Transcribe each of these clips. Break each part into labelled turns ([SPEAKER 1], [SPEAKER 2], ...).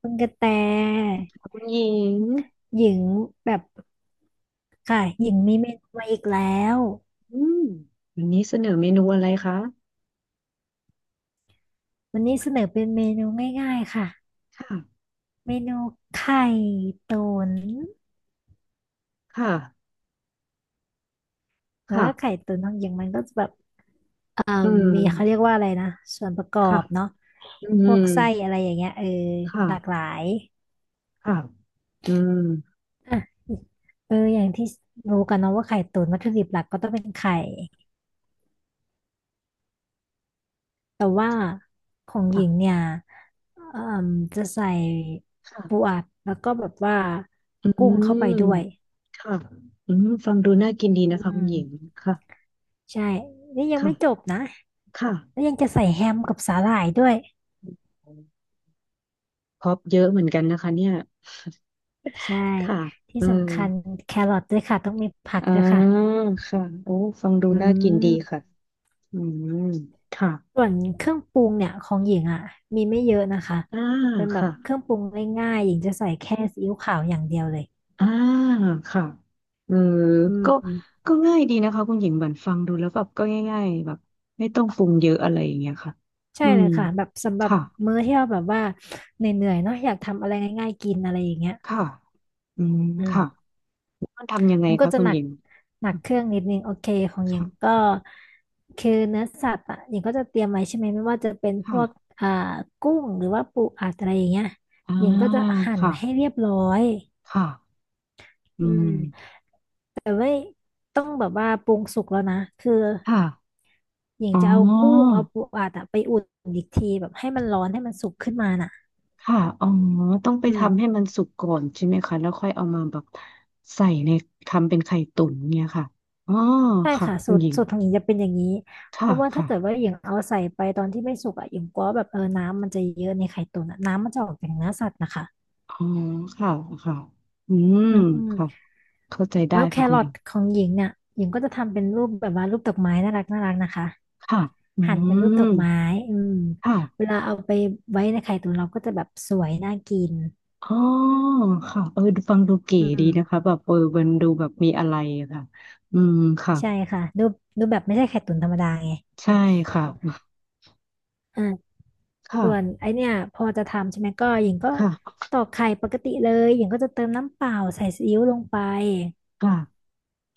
[SPEAKER 1] คุณกระแต
[SPEAKER 2] คุณหญิง
[SPEAKER 1] หญิงแบบค่ะหญิงมีเมนูมาอีกแล้ว
[SPEAKER 2] อืมวันนี้เสนอเมนูอะไรคะ
[SPEAKER 1] วันนี้เสนอเป็นเมนูง่ายๆค่ะ
[SPEAKER 2] ค่ะ
[SPEAKER 1] เมนูไข่ตุ๋น
[SPEAKER 2] ค่ะ
[SPEAKER 1] แต่
[SPEAKER 2] ค่ะ
[SPEAKER 1] ว่าไข่ตุ๋นของหญิงมันก็จะแบบเอ่อ
[SPEAKER 2] อืม
[SPEAKER 1] มีเขาเรียกว่าอะไรนะส่วนประกอ
[SPEAKER 2] ค่ะ
[SPEAKER 1] บเนาะ
[SPEAKER 2] อื
[SPEAKER 1] พว
[SPEAKER 2] ม
[SPEAKER 1] กไส้อะไรอย่างเงี้ยเออ
[SPEAKER 2] ค
[SPEAKER 1] หลากหลา
[SPEAKER 2] ่ะ
[SPEAKER 1] ย
[SPEAKER 2] ค่ะอืม
[SPEAKER 1] อ่ะเอออย่างที่รู้กันเนาะว่าไข่ตุ๋นวัตถุดิบหลักก็ต้องเป็นไข่ แต่ว่าของห
[SPEAKER 2] ค่ะ
[SPEAKER 1] ญิงเนี่ยเอ่มจะใส่ปู
[SPEAKER 2] ค่ะ
[SPEAKER 1] อัดแล้วก็แบบว่า
[SPEAKER 2] อื
[SPEAKER 1] กุ้งเข้าไปด้วย
[SPEAKER 2] มค่ะฟังดูน่ากินดีนะ
[SPEAKER 1] อื
[SPEAKER 2] คะคุ
[SPEAKER 1] ม
[SPEAKER 2] ณหญิงค่ะ
[SPEAKER 1] ใช่นี่ยัง
[SPEAKER 2] ค่ะ
[SPEAKER 1] ไม่จบนะ
[SPEAKER 2] ค่ะ
[SPEAKER 1] แล้วยังจะใส่แฮมกับสาหร่ายด้วย
[SPEAKER 2] พร็อพเยอะเหมือนกันนะคะเนี่ย
[SPEAKER 1] ใช่
[SPEAKER 2] ค่ะ
[SPEAKER 1] ที่
[SPEAKER 2] เออ
[SPEAKER 1] สำคัญแครอทด้วยค่ะต้องมีผัก
[SPEAKER 2] อ่า
[SPEAKER 1] ด้วยค่ะ
[SPEAKER 2] ค่ะโอ้ฟังดู
[SPEAKER 1] อื
[SPEAKER 2] น่ากินดี
[SPEAKER 1] ม
[SPEAKER 2] ค่ะอืมค่ะ
[SPEAKER 1] ส่วนเครื่องปรุงเนี่ยของหญิงอ่ะมีไม่เยอะนะคะ
[SPEAKER 2] อ่า
[SPEAKER 1] เป็นแบบ
[SPEAKER 2] ค่ะ
[SPEAKER 1] เครื่องปรุงง่ายๆหญิงจะใส่แค่ซีอิ๊วขาวอย่างเดียวเลย
[SPEAKER 2] อ่าค่ะเออ
[SPEAKER 1] อื
[SPEAKER 2] ก็
[SPEAKER 1] ม
[SPEAKER 2] ก็ง่ายดีนะคะคุณหญิงบันฟังดูแล้วแบบก็ง่ายๆแบบไม่ต้องปรุงเยอะอะไรอย่างเงี้ยค่ะ
[SPEAKER 1] ใช่
[SPEAKER 2] อื
[SPEAKER 1] เล
[SPEAKER 2] ม
[SPEAKER 1] ยค่ะแบบสำหรับ
[SPEAKER 2] ค่ะ
[SPEAKER 1] มื้อที่เราแบบว่าเหนื่อยๆเนาะอยากทำอะไรง่ายๆกินอะไรอย่างเงี้ย
[SPEAKER 2] ค่ะอืม
[SPEAKER 1] อื
[SPEAKER 2] ค่ะ
[SPEAKER 1] ม
[SPEAKER 2] แล้วมันทำยังไง
[SPEAKER 1] มันก็
[SPEAKER 2] คะ
[SPEAKER 1] จะ
[SPEAKER 2] คุณ
[SPEAKER 1] หนั
[SPEAKER 2] หญิ
[SPEAKER 1] ก
[SPEAKER 2] ง
[SPEAKER 1] หนักเครื่องนิดนึงโอเคของหญิงก็
[SPEAKER 2] ค่ะ
[SPEAKER 1] คือเนื้อสัตว์อ่ะหญิงก็จะเตรียมไว้ใช่ไหมไม่ว่าจะเป็นพ
[SPEAKER 2] ค่ะ
[SPEAKER 1] วกอ่ากุ้งหรือว่าปูอัดอะไรอย่างเงี้ย
[SPEAKER 2] อ่า
[SPEAKER 1] หญิงก็จะหั่น
[SPEAKER 2] ค่ะ
[SPEAKER 1] ให้เรียบร้อย
[SPEAKER 2] ค่ะอื
[SPEAKER 1] อื
[SPEAKER 2] ม
[SPEAKER 1] มแต่ไม่ต้องแบบว่าปรุงสุกแล้วนะคือ
[SPEAKER 2] ค่ะ
[SPEAKER 1] หญิง
[SPEAKER 2] อ๋อ
[SPEAKER 1] จะเอากุ้งเอาปูอัดอะไปอุ่นอีกทีแบบให้มันร้อนให้มันสุกขึ้นมาน่ะ
[SPEAKER 2] ค่ะอ๋อต้องไป
[SPEAKER 1] อืม
[SPEAKER 2] ทำให้มันสุกก่อนใช่ไหมคะแล้วค่อยเอามาแบบใส่ในทำเป็นไข่ตุ๋นเนี่ยค่ะอ๋อ
[SPEAKER 1] ใช่
[SPEAKER 2] ค่ะ
[SPEAKER 1] ค่ะ
[SPEAKER 2] คุ
[SPEAKER 1] สู
[SPEAKER 2] ณ
[SPEAKER 1] ต
[SPEAKER 2] ห
[SPEAKER 1] ร
[SPEAKER 2] ญิง
[SPEAKER 1] สูตรของหญิงจะเป็นอย่างนี้เพ
[SPEAKER 2] ค่ะ
[SPEAKER 1] ราะว่าถ้า
[SPEAKER 2] ค่ะ
[SPEAKER 1] เกิดว่าหญิงเอาใส่ไปตอนที่ไม่สุกอ่ะหญิงกลัวแบบเออน้ำมันจะเยอะในไข่ตุ๋นอะน้ำมันจะออกจากเนื้อสัตว์นะคะ
[SPEAKER 2] อ๋อค่ะค่ะอืม
[SPEAKER 1] อืมอืม
[SPEAKER 2] ค่ะเข้าใจได้
[SPEAKER 1] แล้วแค
[SPEAKER 2] ค่ะคุ
[SPEAKER 1] ร
[SPEAKER 2] ณห
[SPEAKER 1] อ
[SPEAKER 2] ญิ
[SPEAKER 1] ท
[SPEAKER 2] ง
[SPEAKER 1] ของหญิงเนี่ยหญิงก็จะทำเป็นรูปแบบว่ารูปดอกไม้น่ารักน่ารักนะคะ
[SPEAKER 2] ค่ะอื
[SPEAKER 1] หั่นเป็นรูปดอก
[SPEAKER 2] ม
[SPEAKER 1] ไม้อืม
[SPEAKER 2] ค่ะ
[SPEAKER 1] เวลาเอาไปไว้ในไข่ตุ๋นเราก็จะแบบสวยน่ากิน
[SPEAKER 2] อ๋อค่ะเออดูฟังดูเก๋
[SPEAKER 1] อื
[SPEAKER 2] ดี
[SPEAKER 1] ม
[SPEAKER 2] นะคะแบบเออมันดูแบบมีอะไรอะค่ะอืมค่ะ
[SPEAKER 1] ใช่ค่ะรูปแบบไม่ใช่ไข่ตุ๋นธรรมดาไง
[SPEAKER 2] ใช่ค่ะค่ะ
[SPEAKER 1] ส่วนไอเนี่ยพอจะทำใช่ไหมก็หญิงก็
[SPEAKER 2] ค่ะ
[SPEAKER 1] ตอกไข่ปกติเลยหญิงก็จะเติมน้ำเปล่าใส่ซีอิ๊วลงไป
[SPEAKER 2] ค่ะ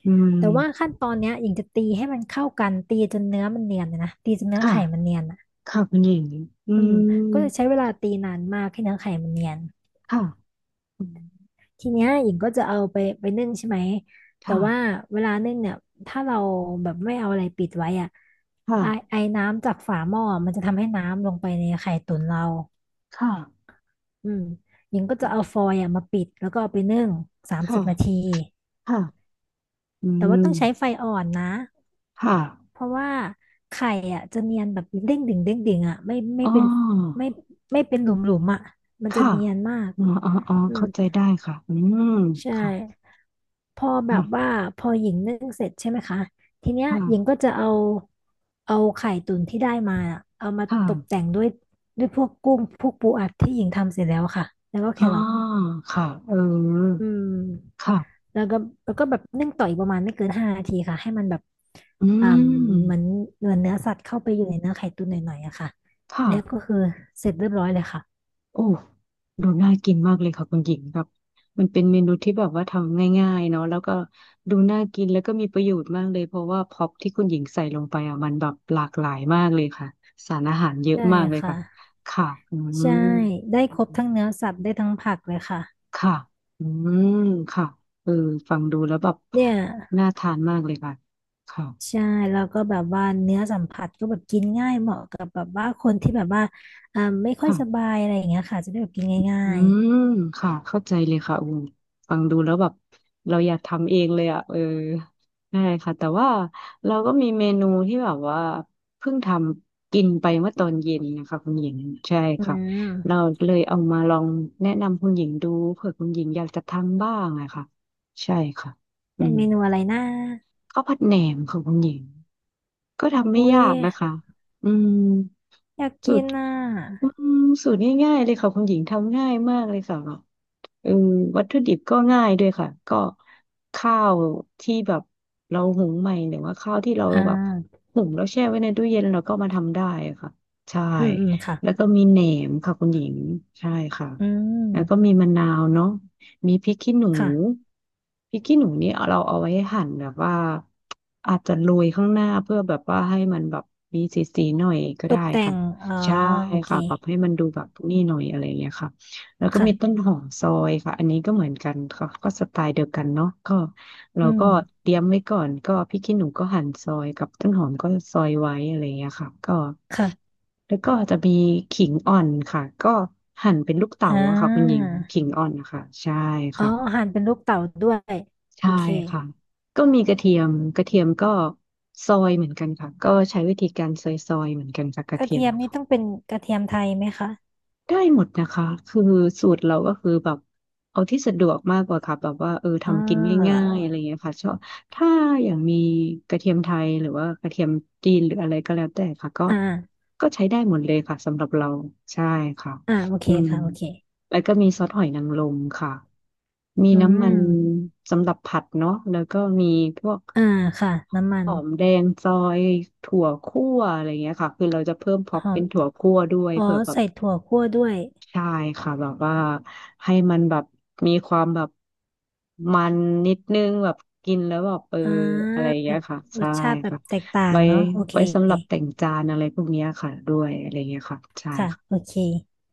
[SPEAKER 2] อืม
[SPEAKER 1] แต่ว่าขั้นตอนเนี้ยหญิงจะตีให้มันเข้ากันตีจนเนื้อมันเนียนเลยนะตีจนเนื้อ
[SPEAKER 2] ค่ะ
[SPEAKER 1] ไข่มันเนียนอ่ะ
[SPEAKER 2] ค่ะคุณหญิงอื
[SPEAKER 1] อืมก็จะใช้
[SPEAKER 2] ม
[SPEAKER 1] เวลาตีนานมากให้เนื้อไข่มันเนียน
[SPEAKER 2] ค่ะอืม
[SPEAKER 1] ทีเนี้ยหญิงก็จะเอาไปนึ่งใช่ไหมแต่
[SPEAKER 2] ค่ะ
[SPEAKER 1] ว่าเวลานึ่งเนี่ยถ้าเราแบบไม่เอาอะไรปิดไว้อ่ะ
[SPEAKER 2] ค่ะ
[SPEAKER 1] ไอไอน้ำจากฝาหม้อมันจะทำให้น้ำลงไปในไข่ตุ๋นเรา
[SPEAKER 2] ค่ะ
[SPEAKER 1] อืมหญิงก็จะเอาฟอยล์อะมาปิดแล้วก็เอาไปนึ่ง30 นาที
[SPEAKER 2] ค่ะค่ะอื
[SPEAKER 1] แต่ว่า
[SPEAKER 2] ม
[SPEAKER 1] ต้องใช้ไฟอ่อนนะ
[SPEAKER 2] ค่ะ
[SPEAKER 1] เพราะว่าไข่อ่ะจะเนียนแบบเด้งดึงเด้งดึงอ่ะไม่
[SPEAKER 2] อ๋
[SPEAKER 1] เป็น
[SPEAKER 2] อ
[SPEAKER 1] ไม่ไม่เป็นหลุมหลุมอ่ะมันจะ
[SPEAKER 2] ค่ะ
[SPEAKER 1] เนียนมาก
[SPEAKER 2] อ๋ออ๋ออ๋อ
[SPEAKER 1] อืม
[SPEAKER 2] เข้าใจได้ค่ะม
[SPEAKER 1] ใช่
[SPEAKER 2] ค่ะ
[SPEAKER 1] พอแบบ
[SPEAKER 2] ค่ะ
[SPEAKER 1] ว่าพอหญิงนึ่งเสร็จใช่ไหมคะทีเนี้ยหญิงก็
[SPEAKER 2] ค่ะ
[SPEAKER 1] จะเอาไข่ตุ๋นที่ได้มาอะเอามา
[SPEAKER 2] ค่ะ
[SPEAKER 1] ตกแต่งด้วยพวกกุ้งพวกปูอัดที่หญิงทำเสร็จแล้วค่ะแล้วก็แค
[SPEAKER 2] อ๋อ
[SPEAKER 1] รอท
[SPEAKER 2] ค่ะเออ
[SPEAKER 1] อืม
[SPEAKER 2] ค่ะ
[SPEAKER 1] แล้วก็แล้วก็แบบนึ่งต่ออีกประมาณไม่เกิน5 นาทีค่ะให้มันแบบ
[SPEAKER 2] อื
[SPEAKER 1] อ่า
[SPEAKER 2] ม
[SPEAKER 1] เหมือนเหมือนเนื้อสัตว์เข้าไปอยู่ในเนื้อไข่ตุ๋นหน่อยๆอะค่ะ
[SPEAKER 2] ค่ะ
[SPEAKER 1] แล้วก็คือเสร็จเรียบร้อยเลยค่ะ
[SPEAKER 2] โอ้ดูน่ากินมากเลยค่ะคุณหญิงครับมันเป็นเมนูที่แบบว่าทำง่ายๆเนาะแล้วก็ดูน่ากินแล้วก็มีประโยชน์มากเลย เพราะว่าพ็อปที่คุณหญิงใส่ลงไปอ่ะมันแบบหลากหลายมากเลยค่ะ สารอาหารเยอะ
[SPEAKER 1] ใช่
[SPEAKER 2] มากเลยค่ะ
[SPEAKER 1] ค่ะ
[SPEAKER 2] ค่ะ
[SPEAKER 1] ใช่ได้ครบทั้งเนื้อสัตว์ได้ทั้งผักเลยค่ะ
[SPEAKER 2] ค่ะอืมค่ะเออฟังดูแล้วแบบ
[SPEAKER 1] เนี่ย
[SPEAKER 2] น่าทานมากเลยค่ะค่ะ
[SPEAKER 1] ใช่แล้วก็แบบว่าเนื้อสัมผัสก็แบบกินง่ายเหมาะกับแบบว่าคนที่แบบว่าอ่าไม่ค่อยสบา
[SPEAKER 2] ค่ะ
[SPEAKER 1] ยอะไรอย่างเงี้ยค่ะจะได้แบบกินง่า
[SPEAKER 2] อื
[SPEAKER 1] ย
[SPEAKER 2] มค่ะเข้าใจเลยค่ะอูฟังดูแล้วแบบเราอยากทำเองเลยอ่ะเออใช่ค่ะแต่ว่าเราก็มีเมนูที่แบบว่าเพิ่งทำกินไปเมื่อตอนเย็นนะคะคุณหญิงใช่
[SPEAKER 1] ๆอื
[SPEAKER 2] ค่ะ
[SPEAKER 1] ม
[SPEAKER 2] เราเลยเอามาลองแนะนำคุณหญิงดูเผื่อคุณหญิงอยากจะทำบ้างอะค่ะใช่ค่ะอื
[SPEAKER 1] เป็น
[SPEAKER 2] ม
[SPEAKER 1] เมนูอะไรนะ
[SPEAKER 2] ข้าวผัดแหนมค่ะคุณหญิง ก็ทำไม่
[SPEAKER 1] อุ้ย
[SPEAKER 2] ยากนะคะอืม
[SPEAKER 1] อยาก
[SPEAKER 2] สู
[SPEAKER 1] กิ
[SPEAKER 2] ต
[SPEAKER 1] น
[SPEAKER 2] ร
[SPEAKER 1] อ่ะ
[SPEAKER 2] อืมสูตรง่ายๆเลยค่ะคุณหญิงทำง่ายมากเลยค่ะ เออวัตถุดิบก็ง่ายด้วยค่ะก็ข้าวที่แบบเราหุงใหม่หรือว่าข้าวที่เรา
[SPEAKER 1] อ่
[SPEAKER 2] แบบ
[SPEAKER 1] า
[SPEAKER 2] หุงแล้วแช่ไว้ในตู้เย็นเราก็มาทำได้ค่ะใช่
[SPEAKER 1] อืมอืมค่ะ
[SPEAKER 2] แล้วก็มีแหนมค่ะคุณหญิงใช่ค่ะ
[SPEAKER 1] อื
[SPEAKER 2] แล้วก็
[SPEAKER 1] ม
[SPEAKER 2] มีมะนาวเนาะมีพริกขี้หนู
[SPEAKER 1] ค่ะ
[SPEAKER 2] พริกขี้หนูนี่เราเอาไว้หั่นแบบว่าอาจจะโรยข้างหน้าเพื่อแบบว่าให้มันแบบมีสีๆหน่อยก็
[SPEAKER 1] ต
[SPEAKER 2] ได้
[SPEAKER 1] กแต่
[SPEAKER 2] ค่ะ
[SPEAKER 1] งอ๋อ
[SPEAKER 2] ใช่
[SPEAKER 1] โอเค
[SPEAKER 2] ค่ะปรับให้มันดูแบบนี่หน่อยอะไรอย่างเงี้ยค่ะ แล้วก็มีต้น
[SPEAKER 1] ค่ะ
[SPEAKER 2] หอมซอยค่ะ อันนี้ก็เหมือนกันค่ะก็สไตล์เดียวกันเนาะก็เรา
[SPEAKER 1] อืม
[SPEAKER 2] ก็เตรียมไว้ก่อน ก็พริกขี้หนูก็หั่นซอยกับต้นหอมก็ซอยไว้อะไรอย่างเงี้ยค่ะก็
[SPEAKER 1] ค่ะ
[SPEAKER 2] แล้วก็จะมีขิงอ่อนค่ะก็หั่นเป็นลูกเต๋า
[SPEAKER 1] อ่
[SPEAKER 2] อะค่ะคุณหญิ
[SPEAKER 1] า
[SPEAKER 2] งขิงอ่อนนะคะใช่
[SPEAKER 1] อ๋อ
[SPEAKER 2] ค่ะ
[SPEAKER 1] หั่นเป็นลูกเต๋าด้วย โอ
[SPEAKER 2] ใช่
[SPEAKER 1] เค
[SPEAKER 2] ค่ะก็มีกระเทียม กระเทียมก็ซอยเหมือนกันค่ะก็ใช้วิธีการซอยๆเหมือนกันค่ะก
[SPEAKER 1] ก
[SPEAKER 2] ระ
[SPEAKER 1] ระ
[SPEAKER 2] เทียม
[SPEAKER 1] เทียม
[SPEAKER 2] นะ
[SPEAKER 1] นี่
[SPEAKER 2] คะ
[SPEAKER 1] ต้องเป็นกระเทียมไทยไหมคะ
[SPEAKER 2] ได้หมดนะคะคือสูตรเราก็คือแบบเอาที่สะดวกมากกว่าค่ะแบบว่าเออ
[SPEAKER 1] อ่
[SPEAKER 2] ทำกิน
[SPEAKER 1] า
[SPEAKER 2] ง่ายๆอะไรเงี้ยค่ะชอบถ้าอย่างมีกระเทียมไทยหรือว่ากระเทียมจีนหรืออะไรก็แล้วแต่ค่ะก็
[SPEAKER 1] อ่า
[SPEAKER 2] ก็ใช้ได้หมดเลยค่ะสำหรับเราใช่ค่ะ
[SPEAKER 1] อ่าโอเค
[SPEAKER 2] อืม
[SPEAKER 1] ค่ะโอเค
[SPEAKER 2] แล้วก็มีซอสหอยนางรมค่ะมี
[SPEAKER 1] อื
[SPEAKER 2] น้ำมัน
[SPEAKER 1] ม
[SPEAKER 2] สำหรับผัดเนาะแล้วก็มีพวก
[SPEAKER 1] อ่าค่ะน้ำมั
[SPEAKER 2] ห
[SPEAKER 1] น
[SPEAKER 2] อมแดงซอยถั่วคั่วอะไรเงี้ยค่ะคือเราจะเพิ่มพ็อป
[SPEAKER 1] หอ
[SPEAKER 2] เป็
[SPEAKER 1] ม
[SPEAKER 2] นถั่วคั่วด้วย
[SPEAKER 1] อ๋อ
[SPEAKER 2] เผื่อแบบ
[SPEAKER 1] ใส่ถั่วคั่วด้วย
[SPEAKER 2] ใช่ค่ะแบบว่าให้มันแบบมีความแบบมันนิดนึงแบบกินแล้วแบบเออ
[SPEAKER 1] อ่า
[SPEAKER 2] อะไรอย่าง
[SPEAKER 1] มี
[SPEAKER 2] เงี้ยค่ะ
[SPEAKER 1] ร
[SPEAKER 2] ใช่
[SPEAKER 1] สชาติแบบ
[SPEAKER 2] ค่ะ
[SPEAKER 1] แตกต่าง
[SPEAKER 2] ไว้
[SPEAKER 1] เนาะโอเค
[SPEAKER 2] ไว้สำหรับแต่งจานอะไรพวกเนี้ยค่ะด้วยอะไรอย่างเงี้ยค่ะใช่
[SPEAKER 1] ค่ะ
[SPEAKER 2] ค่ะ
[SPEAKER 1] โอเค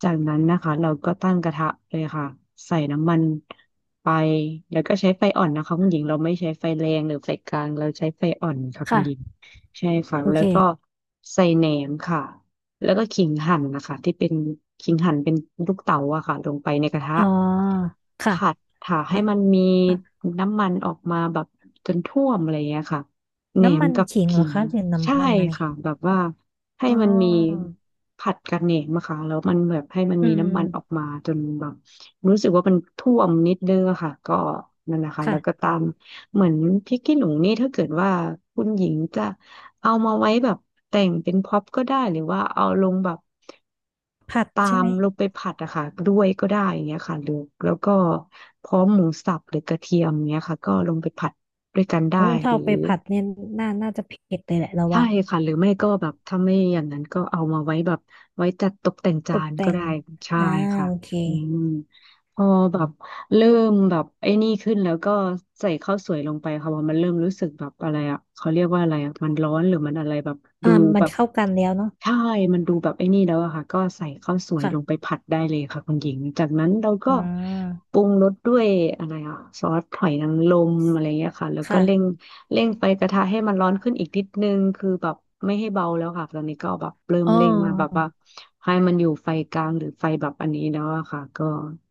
[SPEAKER 2] จากนั้นนะคะเราก็ตั้งกระทะเลยค่ะใส่น้ำมันไปแล้วก็ใช้ไฟอ่อนนะคะคุณหญิงเราไม่ใช้ไฟแรงหรือไฟกลางเราใช้ไฟอ่อนค่ะคุณหญิง
[SPEAKER 1] ค่ะ
[SPEAKER 2] ใช่ค่ะ
[SPEAKER 1] โอ
[SPEAKER 2] แล้
[SPEAKER 1] เค
[SPEAKER 2] วก็ใส่แหนมค่ะ แล้วก็ขิงหั่นนะคะที่เป็นขิงหั่นเป็นลูกเต๋าอะค่ะลงไปในกระทะ
[SPEAKER 1] อ๋อค่ะ
[SPEAKER 2] ผัดค่ะให้
[SPEAKER 1] น้
[SPEAKER 2] มันมี
[SPEAKER 1] ำปะ
[SPEAKER 2] น้ำมันออกมาแบบจนท่วมอะไรอย่างเงี้ยค่ะแหน
[SPEAKER 1] น้ำ
[SPEAKER 2] ม
[SPEAKER 1] มัน
[SPEAKER 2] กับ
[SPEAKER 1] ขิงเหร
[SPEAKER 2] ขิ
[SPEAKER 1] อ
[SPEAKER 2] ง
[SPEAKER 1] คะหรือ
[SPEAKER 2] ใช่
[SPEAKER 1] น้ำมันอะไร
[SPEAKER 2] ค่ะแบบว่าให้
[SPEAKER 1] อ๋
[SPEAKER 2] มันมี
[SPEAKER 1] อ
[SPEAKER 2] ผัดกับแหนมอะค่ะแล้วมันแบบให้มัน
[SPEAKER 1] อื
[SPEAKER 2] มีน้ำมันออก
[SPEAKER 1] ม
[SPEAKER 2] มาจนแบบรู้สึกว่ามันท่วมนิดนึงอะค่ะก็นั่นแหละค่ะแล้วก็
[SPEAKER 1] ค่ะ
[SPEAKER 2] ตามเหมือนพริกขี้หนูนี่ถ้าเกิดว่าคุณหญิงจะ เอามาไว้แบบแต่งเป็นพ็อปก็ได้หรือว่าเอาลงแบบ
[SPEAKER 1] ผัด
[SPEAKER 2] ตา
[SPEAKER 1] ใช่
[SPEAKER 2] ม
[SPEAKER 1] ไหม
[SPEAKER 2] ลงไปผัดอะค่ะด้วยก็ได้อย่างเงี้ยค่ะหรือแล้วก็พร้อมหมูสับหรือกระเทียมเงี้ยค่ะก็ลงไปผัดด้วยกันได้
[SPEAKER 1] โอ้ถ้า
[SPEAKER 2] หรือ
[SPEAKER 1] เอาไปผัดเนี่ยน่าน่าจะเผ็ดเลยแหละเรา
[SPEAKER 2] ใช่
[SPEAKER 1] ว่า
[SPEAKER 2] ค่ะหรือไม่ก็แบบถ้าไม่อย่างนั้นก็เอามาไว้แบบไว้จัดตกแต่ง
[SPEAKER 1] ต
[SPEAKER 2] จา
[SPEAKER 1] ก
[SPEAKER 2] น
[SPEAKER 1] แต่
[SPEAKER 2] ก็
[SPEAKER 1] ง
[SPEAKER 2] ได้ใช่
[SPEAKER 1] อ่า
[SPEAKER 2] ค่ะ
[SPEAKER 1] โอเค
[SPEAKER 2] อืมพอแบบเริ่มแบบไอ้นี่ขึ้นแล้วก็ใส่ข้าวสวยลงไปค่ะพอมันเริ่มรู้สึกแบบอะไรเขาเรียกว่าอะไรมันร้อนหรือมันอะไรแบบดู
[SPEAKER 1] อ่ามั
[SPEAKER 2] แบ
[SPEAKER 1] น
[SPEAKER 2] บ
[SPEAKER 1] เข้ากันแล้วเนาะ
[SPEAKER 2] ใช่มันดูแบบไอ้นี่แล้วอะค่ะก็ใส่ข้าวสวยลงไป
[SPEAKER 1] ค่ะ
[SPEAKER 2] ผัดได้เลยค่ะคุณหญิงจากนั้นเราก็
[SPEAKER 1] อ่า
[SPEAKER 2] ปรุงรสด้วยอะไรซอสหอยนางรมอะไรเงี้ยค่ะแล้วก็เร่ง
[SPEAKER 1] ค่ะ
[SPEAKER 2] เร่งไฟกระทะให้มันร้อนขึ้นอีกนิดนึงคือแบบไม่ให้เบาแล้วค่ะตอนนี้ก็แบบเริ่ม
[SPEAKER 1] อ๋
[SPEAKER 2] เร่งมาแบบ
[SPEAKER 1] อ
[SPEAKER 2] ว่าให้มันอยู่ไฟกลางหรือไฟแบบอันนี้แล้วอะค่ะก็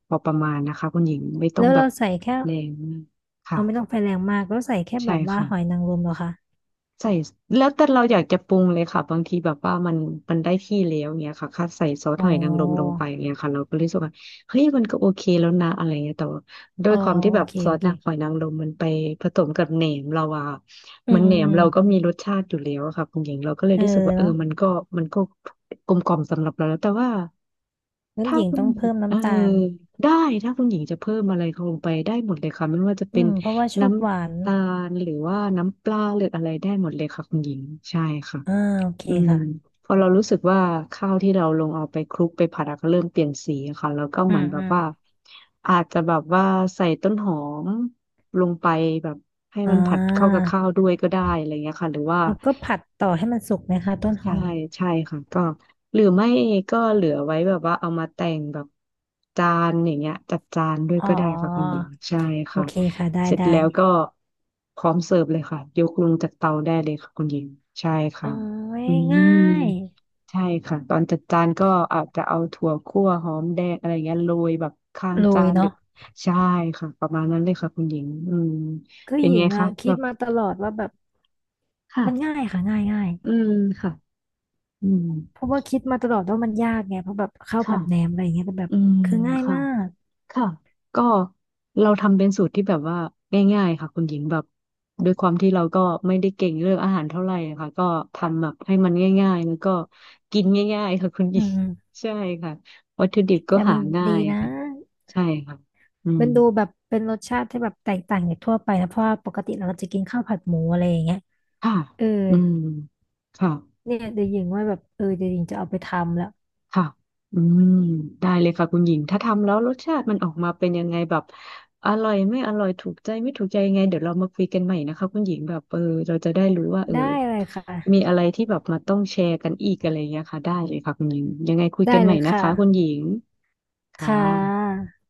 [SPEAKER 2] พอประมาณนะคะคุณหญิงไม่ต้อ
[SPEAKER 1] แล้
[SPEAKER 2] ง
[SPEAKER 1] ว
[SPEAKER 2] แบ
[SPEAKER 1] เรา
[SPEAKER 2] บ
[SPEAKER 1] ใส่แค่
[SPEAKER 2] แรงมาก
[SPEAKER 1] เอาไม่ต้อง
[SPEAKER 2] ค่ะ
[SPEAKER 1] ไฟแรงมากก็ใส่แค่แบ
[SPEAKER 2] ใช่
[SPEAKER 1] บว่า
[SPEAKER 2] ค่ะ
[SPEAKER 1] หอยนางรมเหรอคะ
[SPEAKER 2] ใส่แล้วแต่เราอยากจะปรุงเลยค่ะบางทีแบบว่ามันได้ที่แล้วเงี้ยค่ะค่ะใส่ซอส
[SPEAKER 1] อ๋
[SPEAKER 2] หอยนางรมลง
[SPEAKER 1] อ
[SPEAKER 2] ไปเงี้ยค่ะเราก็รู้สึกว่าเฮ้ยมันก็โอเคแล้วนะอะไรเงี้ยแต่ว่าด้ว
[SPEAKER 1] อ๋
[SPEAKER 2] ย
[SPEAKER 1] อ
[SPEAKER 2] ความที่
[SPEAKER 1] โอ
[SPEAKER 2] แบบ
[SPEAKER 1] เค
[SPEAKER 2] ซอ
[SPEAKER 1] โอ
[SPEAKER 2] ส
[SPEAKER 1] เค
[SPEAKER 2] นะหอยนางรมมันไปผสมกับแหนมเราอะค่ะ
[SPEAKER 1] อื
[SPEAKER 2] เหมือน
[SPEAKER 1] ม
[SPEAKER 2] แหนมเราก็
[SPEAKER 1] ออ
[SPEAKER 2] มีรสชาติอยู่แล้วอะค่ะคุณหญิงเราก็เลย
[SPEAKER 1] เออ
[SPEAKER 2] รู้สึกว่าเออ
[SPEAKER 1] เนาะ
[SPEAKER 2] มันก็กลมกล่อมสำหรับเราแล้วแต่ว่า
[SPEAKER 1] งั้น
[SPEAKER 2] ถ้า
[SPEAKER 1] หญิง
[SPEAKER 2] คุณ
[SPEAKER 1] ต้อง
[SPEAKER 2] หญิ
[SPEAKER 1] เพิ่
[SPEAKER 2] ง
[SPEAKER 1] ม
[SPEAKER 2] เออ
[SPEAKER 1] น้ำตาล
[SPEAKER 2] ได้ถ้าคุณหญิงจะเพิ่มอะไรลงไปได้หมดเลยค่ะไม่ว่าจะ
[SPEAKER 1] อื
[SPEAKER 2] เป็น
[SPEAKER 1] มเพราะว่าชอ
[SPEAKER 2] น้
[SPEAKER 1] บหวาน
[SPEAKER 2] ำตาลหรือว่าน้ำปลาหรืออะไรได้หมดเลยค่ะคุณหญิงใช่ค่ะ
[SPEAKER 1] อ่าโอเค
[SPEAKER 2] อืม
[SPEAKER 1] ค่ะ
[SPEAKER 2] พอเรารู้สึกว่าข้าวที่เราลงเอาไปคลุกไปผัดอะก็เริ่มเปลี่ยนสีอะค่ะแล้วก็
[SPEAKER 1] อื
[SPEAKER 2] เหมือ
[SPEAKER 1] ม
[SPEAKER 2] นแบ
[SPEAKER 1] อื
[SPEAKER 2] บ
[SPEAKER 1] ม
[SPEAKER 2] ว่าอาจจะแบบว่าใส่ต้นหอมลงไปแบบให้
[SPEAKER 1] อ่
[SPEAKER 2] มันผัดเข้ากับ
[SPEAKER 1] า
[SPEAKER 2] ข้าวด้วยก็ได้อะไรเงี้ยค่ะหรือว่า
[SPEAKER 1] แล้วก็ผัดต่อให้มันสุกไหมคะต้นห
[SPEAKER 2] ใช่
[SPEAKER 1] อม
[SPEAKER 2] ใช่ค่ะก็หรือไม่ก็เหลือไว้แบบว่าเอามาแต่งแบบจานอย่างเงี้ยจัดจานด้วย
[SPEAKER 1] อ๋อ
[SPEAKER 2] ก็ได้ค่ะคุณหญิงใช่
[SPEAKER 1] โอ
[SPEAKER 2] ค่ะ
[SPEAKER 1] เคค่ะได้
[SPEAKER 2] เสร็จ
[SPEAKER 1] ได้
[SPEAKER 2] แล้วก็พร้อมเสิร์ฟเลยค่ะยกลงจากเตาได้เลยค่ะคุณหญิงใช่ค่ะ
[SPEAKER 1] โอ้
[SPEAKER 2] อื
[SPEAKER 1] ยง่า
[SPEAKER 2] ม
[SPEAKER 1] ย
[SPEAKER 2] ใช่ค่ะตอนจัดจานก็อาจจะเอาถั่วคั่วหอมแดงอะไรเงี้ยโรยแบบข้าง
[SPEAKER 1] โร
[SPEAKER 2] จา
[SPEAKER 1] ย
[SPEAKER 2] นหรือ
[SPEAKER 1] เนาะ
[SPEAKER 2] ใช่ค่ะประมาณนั้นเลยค่ะคุณหญิงอืม
[SPEAKER 1] คือ
[SPEAKER 2] เป็น
[SPEAKER 1] หญิ
[SPEAKER 2] ไง
[SPEAKER 1] งอ่ะ
[SPEAKER 2] คะ
[SPEAKER 1] คิ
[SPEAKER 2] แบ
[SPEAKER 1] ด
[SPEAKER 2] บ
[SPEAKER 1] มาตลอดว่าแบบ
[SPEAKER 2] ค่ะ
[SPEAKER 1] มันง่ายค่ะง่ายง่าย
[SPEAKER 2] อืมค่ะอืม
[SPEAKER 1] เพราะว่าคิดมาตลอดว่ามันยากไงเพราะแบบข้าว
[SPEAKER 2] ค่ะ
[SPEAKER 1] ผัดแหนมอะไรอย่างเงี้ยแต่แบบ
[SPEAKER 2] อืม
[SPEAKER 1] คือง่าย
[SPEAKER 2] ค่ะ
[SPEAKER 1] มาก
[SPEAKER 2] ค่ะก็เราทำเป็นสูตรที่แบบว่าง่ายๆค่ะคุณหญิงแบบด้วยความที่เราก็ไม่ได้เก่งเรื่องอาหารเท่าไหร่ค่ะก็ทำแบบให้มันง่ายๆแล้วก็กินง่ายๆค่ะคุณหญิ
[SPEAKER 1] อื
[SPEAKER 2] ง
[SPEAKER 1] ม
[SPEAKER 2] ใช่ค่ะวัตถุดิบก็
[SPEAKER 1] แต่
[SPEAKER 2] หา
[SPEAKER 1] มัน
[SPEAKER 2] ง่า
[SPEAKER 1] ดี
[SPEAKER 2] ย
[SPEAKER 1] นะ
[SPEAKER 2] ค่ะใช่ค่ะอืม
[SPEAKER 1] มันดูแบบเป็นรสชาติที่แบบแตกต่างจากทั่วไปนะเพราะว่าปกติเราจะกินข้าวผัดหมูอะไรอย่างเงี้ย
[SPEAKER 2] ค่ะ
[SPEAKER 1] เออ
[SPEAKER 2] อืมค่ะ
[SPEAKER 1] เนี่ยเดี๋ยวหญิงว่าแบบเออเดี๋ยวหญิงจะเอาไปทำแล้ว
[SPEAKER 2] ค่ะอืมได้เลยค่ะคุณหญิงถ้าทำแล้วรสชาติมันออกมาเป็นยังไงแบบอร่อยไม่อร่อยถูกใจไม่ถูกใจยังไงเดี๋ยวเรามาคุยกันใหม่นะคะคุณหญิงแบบเออเราจะได้รู้ว่าเออ
[SPEAKER 1] ได้เลย
[SPEAKER 2] มี
[SPEAKER 1] ค่ะ
[SPEAKER 2] อะไรที่แบบมาต้องแชร์กันอีกอะไรอย่างเงี้ยค่ะได้เลยค่ะคุณหญิงยังไงคุยกั
[SPEAKER 1] ได้
[SPEAKER 2] นให
[SPEAKER 1] เล
[SPEAKER 2] ม่
[SPEAKER 1] ย
[SPEAKER 2] นะ
[SPEAKER 1] ค่ะ
[SPEAKER 2] คะคุณหญิงค่ะ
[SPEAKER 1] ค่ะ